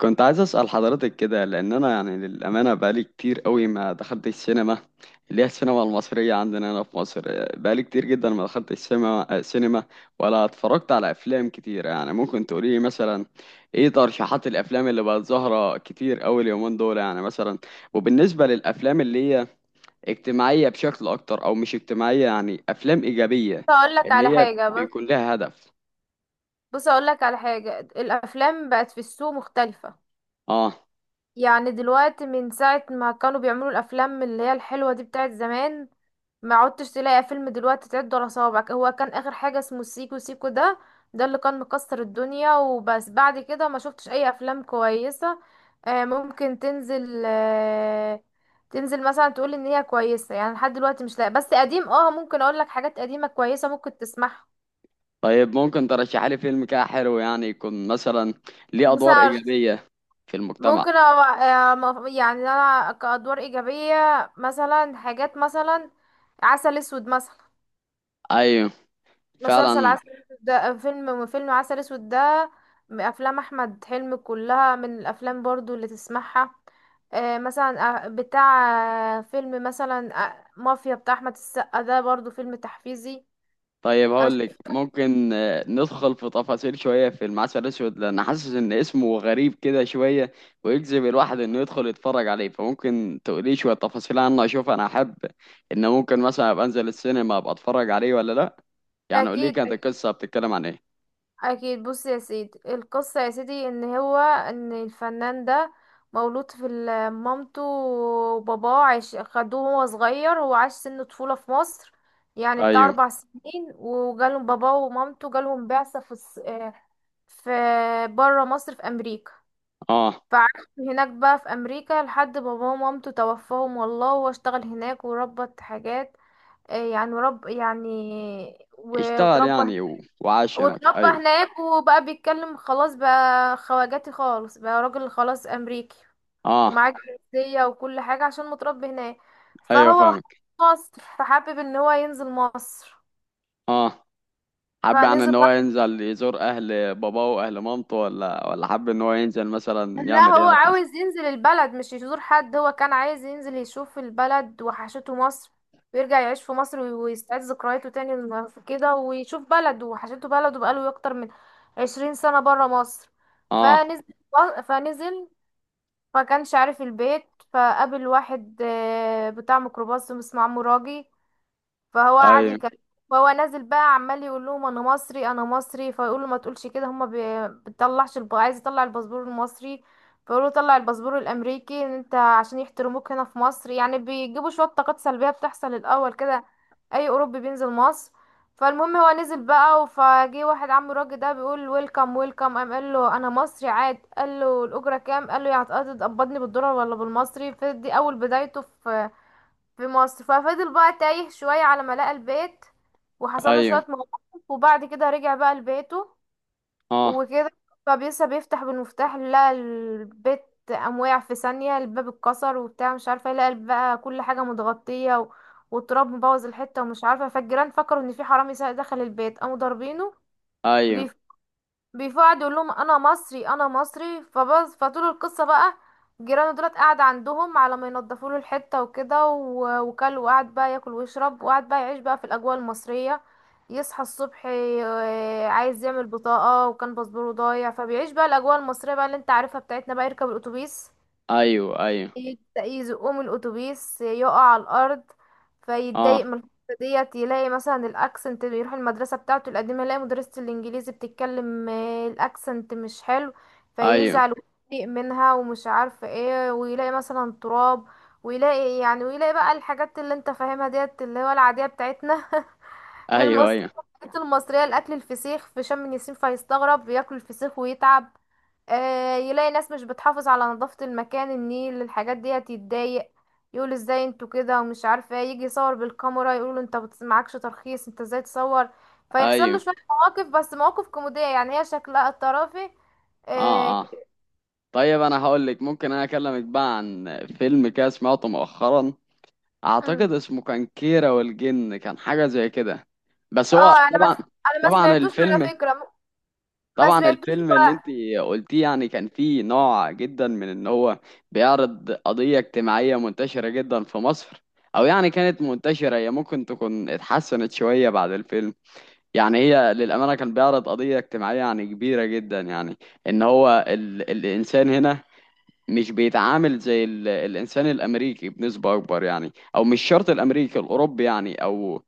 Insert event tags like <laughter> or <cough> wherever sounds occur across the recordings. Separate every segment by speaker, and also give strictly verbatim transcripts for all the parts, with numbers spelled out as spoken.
Speaker 1: كنت عايز أسأل حضرتك كده، لأن أنا يعني للأمانة بقالي كتير قوي ما دخلت السينما اللي هي السينما المصرية عندنا هنا في مصر. آه، بقالي كتير جدا ما دخلت السينما السينما ولا اتفرجت على أفلام كتير. يعني ممكن تقولي مثلا إيه ترشيحات الأفلام اللي بقت ظاهرة كتير قوي اليومين دول؟ يعني مثلا وبالنسبة للأفلام اللي هي اجتماعية بشكل أكتر أو مش اجتماعية، يعني أفلام إيجابية
Speaker 2: اقول لك على
Speaker 1: اللي هي
Speaker 2: حاجه بص
Speaker 1: بيكون لها هدف.
Speaker 2: بص، اقول لك على حاجه، الافلام بقت في السوق مختلفه.
Speaker 1: آه
Speaker 2: يعني دلوقتي من ساعه ما كانوا بيعملوا الافلام اللي هي الحلوه دي بتاعت زمان، ما عدتش تلاقي فيلم دلوقتي تعد على صوابعك. هو كان اخر حاجه اسمه سيكو سيكو ده، ده اللي كان مكسر الدنيا وبس. بعد كده ما شفتش اي افلام كويسه. آه، ممكن تنزل آه، تنزل مثلا تقول ان هي كويسه، يعني لحد دلوقتي مش لاقي. بس قديم، اه ممكن اقول لك حاجات قديمه كويسه ممكن تسمعها.
Speaker 1: طيب ممكن ترشح لي فيلم كده حلو، يعني يكون مثلا ليه
Speaker 2: بس
Speaker 1: ادوار ايجابيه في المجتمع.
Speaker 2: ممكن أو- آه، مف- يعني انا كأدوار إيجابية، مثلا حاجات مثلا عسل اسود مثلا.
Speaker 1: ايوه
Speaker 2: مسلسل
Speaker 1: فعلا.
Speaker 2: عسل اسود ده، فيلم فيلم عسل اسود ده من افلام احمد حلمي، كلها من الافلام برضو اللي تسمعها. آه، مثلا، آه، بتاع، آه، فيلم مثلا، آه، مافيا بتاع احمد السقا ده برضو فيلم تحفيزي.
Speaker 1: طيب
Speaker 2: أنا
Speaker 1: هقول لك،
Speaker 2: شفت-
Speaker 1: ممكن آه، ندخل في تفاصيل شويه في المعسل الاسود، لان حاسس ان اسمه غريب كده شويه ويجذب الواحد انه يدخل يتفرج عليه. فممكن تقولي شويه تفاصيل عنه، اشوف انا احب ان ممكن مثلا ابقى انزل السينما ابقى اتفرج عليه ولا لا. يعني قولي
Speaker 2: اكيد
Speaker 1: كانت القصه بتتكلم عن ايه.
Speaker 2: اكيد، بص يا سيدي، القصه يا سيدي ان هو ان الفنان ده مولود في ال- مامته وباباه عاش، خدوه وهو صغير، هو عاش سن طفوله في مصر، يعني بتاع
Speaker 1: ايوه.
Speaker 2: اربع سنين. وجالهم باباه ومامته، جالهم بعثه في الص- آه، في بره مصر، في امريكا.
Speaker 1: اه
Speaker 2: فعاش هناك بقى في امريكا، لحد باباه ومامته توفاهم والله، وهو اشتغل هناك وربط حاجات، آه، يعني رب يعني و-
Speaker 1: اشتغل
Speaker 2: وتربى،
Speaker 1: يعني و... وعاش هناك،
Speaker 2: واتربى
Speaker 1: ايوه.
Speaker 2: هناك، وبقى بيتكلم خلاص، بقى خواجاتي خالص، بقى راجل خلاص امريكي،
Speaker 1: اه.
Speaker 2: ومعاه جنسية وكل حاجة عشان متربي هناك.
Speaker 1: ايوه
Speaker 2: فهو
Speaker 1: فاهم.
Speaker 2: مصر، فحابب ان هو ينزل مصر.
Speaker 1: اه حب يعني ان
Speaker 2: فنزل
Speaker 1: هو
Speaker 2: بقى،
Speaker 1: ينزل يزور اهل باباه واهل مامته، ولا ولا حب ان هو ينزل مثلا
Speaker 2: لا
Speaker 1: يعمل ايه
Speaker 2: هو
Speaker 1: هنا في مصر.
Speaker 2: عاوز ينزل البلد مش يزور حد، هو كان عايز ينزل يشوف البلد، وحشته مصر، ويرجع يعيش في مصر، وي- ويستعيد ذكرياته تاني من- كده، ويشوف بلده، وحشته بلده، بقاله اكتر من عشرين سنة برا مصر.
Speaker 1: اه.
Speaker 2: فنزل فنزل، فكانش عارف البيت، فقابل واحد آه، بتاع ميكروباص اسمه عمو راجي، فهو قعد
Speaker 1: ايوه
Speaker 2: يكلم. فهو نازل بقى عمال يقول لهم انا مصري انا مصري، فيقولوا ما تقولش كده، هما بي- بتطلعش الب... عايز يطلع الباسبور المصري، فيقولوا طلع الباسبور الامريكي ان انت عشان يحترموك هنا في مصر. يعني بيجيبوا شويه طاقات سلبيه بتحصل الاول كده، اي اوروبي بينزل مصر. فالمهم هو نزل بقى، فجه واحد عم الراجل ده بيقول ويلكم ويلكم، قام قال له انا مصري، عاد قال له الاجره كام، قال له يعني هتقبضني بالدولار ولا بالمصري. فدي اول بدايته في في مصر، ففضل بقى تايه شوية على ما لقى البيت، وحصل له
Speaker 1: ايوه.
Speaker 2: شوية مواقف، وبعد كده رجع بقى لبيته
Speaker 1: اه.
Speaker 2: وكده. فبيسا بيفتح بالمفتاح، لقى البيت، قام وقع في ثانية، الباب اتكسر وبتاع مش عارفة ايه، لقى بقى كل حاجة متغطية و... والتراب مبوظ الحتة ومش عارفة. فالجيران فكروا ان في حرامي سا- دخل البيت، قاموا ضاربينه،
Speaker 1: ايوه
Speaker 2: بيفقعد يقول لهم انا مصري انا مصري فبس. فطول القصه بقى جيرانه دولت قاعد عندهم على ما ينضفوا له الحته وكده و- وكل وقعد بقى ياكل ويشرب، وقعد بقى يعيش بقى في الاجواء المصريه. يصحى الصبح ي- عايز يعمل بطاقه، وكان باسبوره ضايع. فبيعيش بقى الاجواء المصريه بقى اللي انت عارفها بتاعتنا بقى، يركب الاتوبيس،
Speaker 1: ايوه ايوه.
Speaker 2: يبدأ يزقوه من الأتوبيس، يقع على الأرض، فيتضايق
Speaker 1: اه.
Speaker 2: من الحتة ديت. يلاقي مثلا الأكسنت، بيروح المدرسة بتاعته القديمة، يلاقي مدرسة الإنجليزي بتتكلم، آه، الأكسنت مش حلو،
Speaker 1: ايوه
Speaker 2: فيزعل ويضايق منها ومش عارفة ايه. ويلاقي مثلا تراب، ويلاقي يعني، ويلاقي بقى الحاجات اللي انت فاهمها ديت اللي هو العادية بتاعتنا <laughs>
Speaker 1: ايوه
Speaker 2: المصرية،
Speaker 1: ايوه
Speaker 2: الحاجات المصرية، الأكل، الفسيخ في شم النسيم، فيستغرب بياكل الفسيخ ويتعب. آه، يلاقي ناس مش بتحافظ على نظافة المكان، النيل، الحاجات ديت، يتضايق، يقول ازاي انتوا كده ومش عارفة ايه، يجي يصور بالكاميرا، يقولوا انت بت- معكش ترخيص، انت ازاي تصور. فيحصل له
Speaker 1: ايوه.
Speaker 2: شوية مواقف، بس مواقف كوميدية، يعني هي شكلها الطرافي. اه
Speaker 1: اه. اه
Speaker 2: ك-
Speaker 1: طيب انا هقول لك، ممكن انا اكلمك بقى عن فيلم كده سمعته مؤخرا. اعتقد
Speaker 2: مم.
Speaker 1: اسمه كان كيرة والجن، كان حاجة زي كده. بس هو
Speaker 2: اه، انا ما
Speaker 1: طبعا.
Speaker 2: انا ما
Speaker 1: طبعا
Speaker 2: سمعتوش على
Speaker 1: الفيلم
Speaker 2: فكرة، م- ما
Speaker 1: طبعا
Speaker 2: سمعتوش.
Speaker 1: الفيلم اللي انت
Speaker 2: و-
Speaker 1: قلتيه يعني كان فيه نوع جدا من ان هو بيعرض قضية اجتماعية منتشرة جدا في مصر، او يعني كانت منتشرة، هي ممكن تكون اتحسنت شوية بعد الفيلم. يعني هي للأمانة كان بيعرض قضية اجتماعية يعني كبيرة جدا، يعني ان هو ال الانسان هنا مش بيتعامل زي ال الانسان الامريكي بنسبة اكبر، يعني او مش شرط الامريكي، الاوروبي يعني، او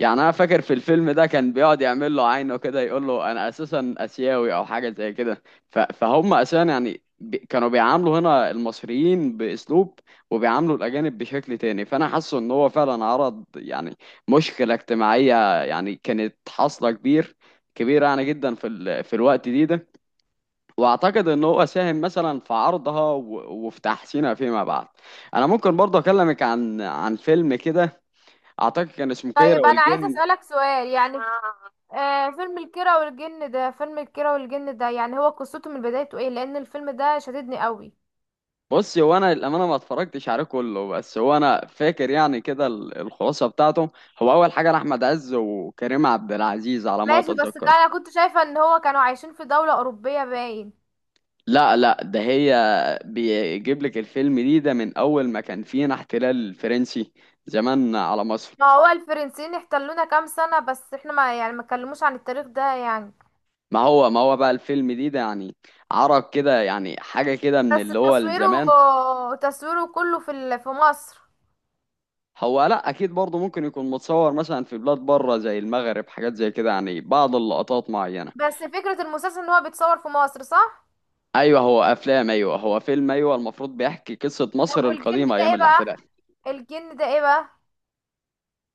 Speaker 1: يعني انا فاكر في الفيلم ده كان بيقعد يعمل له عينه كده، يقول له انا اساسا اسيوي او حاجه زي كده. ف- فهم اساسا يعني بي- كانوا بيعاملوا هنا المصريين باسلوب، وبيعاملوا الاجانب بشكل تاني. فانا حاسه ان هو فعلا عرض يعني مشكله اجتماعيه يعني كانت حاصله كبير كبيره يعني جدا في ال... في الوقت دي ده. واعتقد ان هو ساهم مثلا في عرضها و... وفي تحسينها فيما بعد. انا ممكن برضه اكلمك عن عن فيلم كده، اعتقد كان اسمه كيرة
Speaker 2: طيب انا عايزة
Speaker 1: والجن.
Speaker 2: اسألك سؤال يعني، آه، فيلم الكيرة والجن ده، فيلم الكيرة والجن ده يعني هو قصته من بدايته ايه؟ لان الفيلم ده شددني قوي.
Speaker 1: بص هو انا للامانه ما اتفرجتش عليه كله، بس هو انا فاكر يعني كده ال- الخلاصه بتاعته. هو اول حاجه احمد عز وكريم عبد العزيز على ما
Speaker 2: ماشي، بس كان-
Speaker 1: اتذكر.
Speaker 2: انا كنت شايفة ان هو كانوا عايشين في دولة اوروبية باين.
Speaker 1: لا لا، ده هي بيجيب لك الفيلم دي ده من اول ما كان فينا احتلال فرنسي زمان على مصر.
Speaker 2: ما هو الفرنسيين احتلونا كام سنة بس احنا ما يعني ما اتكلموش عن التاريخ ده يعني.
Speaker 1: ما هو ما هو بقى الفيلم دي ده يعني عرق كده، يعني حاجه كده من
Speaker 2: بس
Speaker 1: اللي هو
Speaker 2: تصويره
Speaker 1: الزمان.
Speaker 2: تصويره كله في ال- في مصر،
Speaker 1: هو لا اكيد برضه ممكن يكون متصور مثلا في بلاد بره زي المغرب، حاجات زي كده، يعني بعض اللقطات معينه.
Speaker 2: بس فكرة المسلسل ان هو بيتصور في مصر، صح؟
Speaker 1: ايوه هو افلام، ايوه هو فيلم، ايوه المفروض بيحكي قصه
Speaker 2: طب
Speaker 1: مصر
Speaker 2: والجن
Speaker 1: القديمه
Speaker 2: ده
Speaker 1: ايام
Speaker 2: ايه بقى؟
Speaker 1: الاحتلال.
Speaker 2: الجن ده ايه بقى؟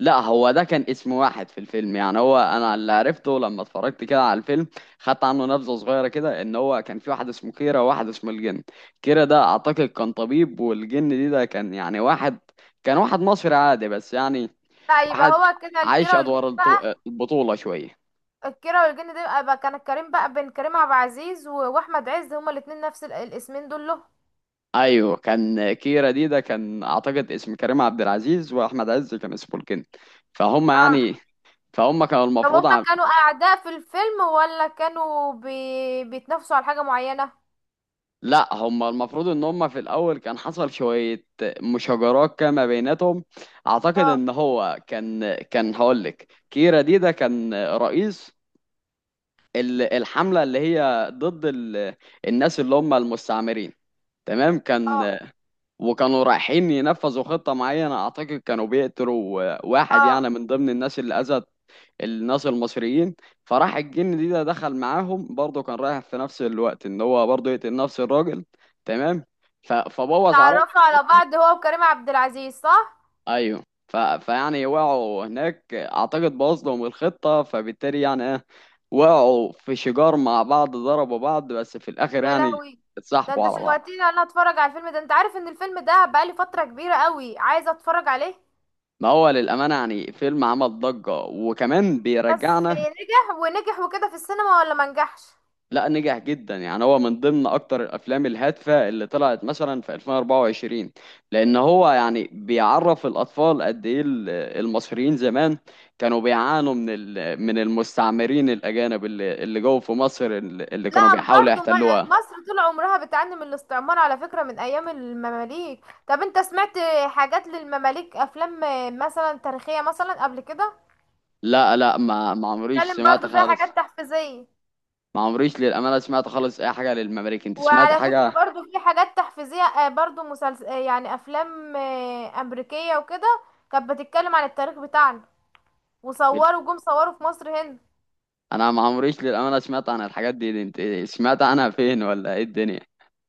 Speaker 1: لا هو ده كان اسم واحد في الفيلم، يعني هو انا اللي عرفته لما اتفرجت كده على الفيلم، خدت عنه نبذه صغيره كده، ان هو كان في واحد اسمه كيرة وواحد اسمه الجن. كيرة ده اعتقد كان طبيب، والجن دي ده كان يعني واحد، كان واحد مصري عادي بس يعني،
Speaker 2: لا يبقى
Speaker 1: واحد
Speaker 2: هو كده
Speaker 1: عايش
Speaker 2: الكيرة والجن
Speaker 1: ادوار الطو-
Speaker 2: بقى.
Speaker 1: البطوله شويه.
Speaker 2: الكيرة والجن ده يبقى بقى كان كريم بقى بين كريم عبد العزيز و- واحمد عز، هما الاتنين نفس ال- الاسمين دول له.
Speaker 1: ايوه كان كيرة دي ده كان اعتقد اسم كريم عبد العزيز، واحمد عز كان اسمه الجن. فهم
Speaker 2: اه،
Speaker 1: يعني فهم كانوا
Speaker 2: طب
Speaker 1: المفروض
Speaker 2: هما
Speaker 1: عم...
Speaker 2: كانوا أعداء في الفيلم ولا كانوا بي... بيتنافسوا على حاجة معينة؟
Speaker 1: لا هم المفروض ان هم في الاول كان حصل شوية مشاجرات كده ما بيناتهم. اعتقد
Speaker 2: اه،
Speaker 1: ان هو كان كان هقولك كيرا دي ده كان رئيس ال- الحملة اللي هي ضد ال... الناس اللي هم المستعمرين. تمام.
Speaker 2: اه،
Speaker 1: كان وكانوا رايحين ينفذوا خطة معينة، اعتقد كانوا بيقتلوا واحد
Speaker 2: اه،
Speaker 1: يعني من ضمن الناس اللي اذت الناس المصريين. فراح الجن دي ده دخل معاهم، برضه كان رايح في نفس الوقت ان هو برضه يقتل نفس الراجل. تمام. ف- فبوظ عليهم
Speaker 2: اتعرفوا على
Speaker 1: الخطة.
Speaker 2: بعض هو وكريم عبد العزيز، صح؟
Speaker 1: ايوه. ف... فيعني وقعوا هناك، اعتقد بوظ لهم الخطة، فبالتالي يعني ايه، وقعوا في شجار مع بعض، ضربوا بعض، بس في الاخر
Speaker 2: يا
Speaker 1: يعني
Speaker 2: لهوي، ده
Speaker 1: اتصاحبوا
Speaker 2: انت
Speaker 1: على بعض.
Speaker 2: شوقتني انا اتفرج على الفيلم ده، انت عارف ان الفيلم ده بقالي فترة كبيرة قوي عايزة اتفرج عليه.
Speaker 1: ما هو للأمانة يعني فيلم عمل ضجة وكمان
Speaker 2: بس
Speaker 1: بيرجعنا.
Speaker 2: نجح ونجح وكده في السينما ولا ما نجحش؟
Speaker 1: لا نجح جدا، يعني هو من ضمن اكتر الافلام الهادفه اللي طلعت مثلا في ألفين وأربعة وعشرين، لان هو يعني بيعرف الاطفال قد ايه ال- المصريين زمان كانوا بيعانوا من ال- من المستعمرين الاجانب اللي اللي جوه في مصر، اللي اللي كانوا
Speaker 2: لا،
Speaker 1: بيحاولوا
Speaker 2: برضو م-
Speaker 1: يحتلوها.
Speaker 2: مصر طول عمرها بتعاني من الاستعمار على فكرة من ايام المماليك. طب انت سمعت حاجات للمماليك، افلام مثلا تاريخية مثلا قبل كده
Speaker 1: لا لا، ما ما عمريش
Speaker 2: بتتكلم
Speaker 1: سمعت
Speaker 2: برضو فيها
Speaker 1: خالص.
Speaker 2: حاجات تحفيزية؟
Speaker 1: ما عمريش للامانه سمعت خالص اي حاجه للمماليك، انت سمعت
Speaker 2: وعلى فكرة
Speaker 1: حاجه؟
Speaker 2: برضو في حاجات تحفيزية، آه، برضو مسلسل، آه، يعني أفلام، آه، أمريكية وكده، كانت بتتكلم عن التاريخ بتاعنا، وصوروا جم صوروا في مصر هنا.
Speaker 1: انا ما عمريش للامانه سمعت عن الحاجات دي, دي، انت سمعت عنها فين ولا ايه الدنيا؟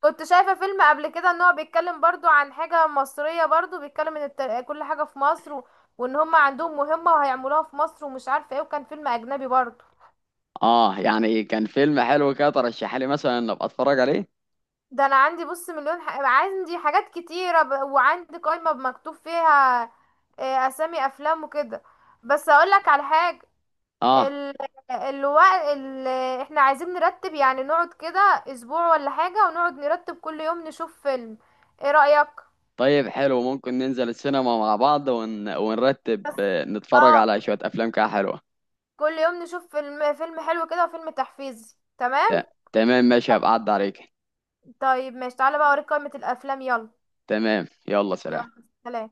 Speaker 2: كنت شايفة فيلم قبل كده ان هو بيتكلم برضو عن حاجة مصرية، برضو بيتكلم ان التار- كل حاجة في مصر و... وان هم عندهم مهمة وهيعملوها في مصر ومش عارفة ايه، وكان فيلم أجنبي برضو.
Speaker 1: اه يعني كان فيلم حلو كده، ترشح لي مثلا ان ابقى اتفرج عليه.
Speaker 2: ده انا عندي بص مليون ح... عندي حاجات كتيرة، ب... وعندي قائمة مكتوب فيها، آه، اسامي افلام وكده. بس اقولك على حاجة،
Speaker 1: اه
Speaker 2: ال... الوقت ال... احنا عايزين نرتب يعني، نقعد كده اسبوع ولا حاجة، ونقعد نرتب كل يوم نشوف فيلم، ايه رأيك؟
Speaker 1: طيب حلو، ممكن ننزل السينما مع بعض ون... ونرتب، آه، نتفرج
Speaker 2: اه،
Speaker 1: على شوية افلام كده حلوة.
Speaker 2: كل يوم نشوف فيلم، فيلم حلو كده وفيلم تحفيزي،
Speaker 1: ت...
Speaker 2: تمام.
Speaker 1: تمام ماشي، هبقى اعدي عليك.
Speaker 2: طيب ماشي، تعالى بقى اوريك قائمة الافلام، يلا.
Speaker 1: تمام يلا سلام.
Speaker 2: يلا، سلام.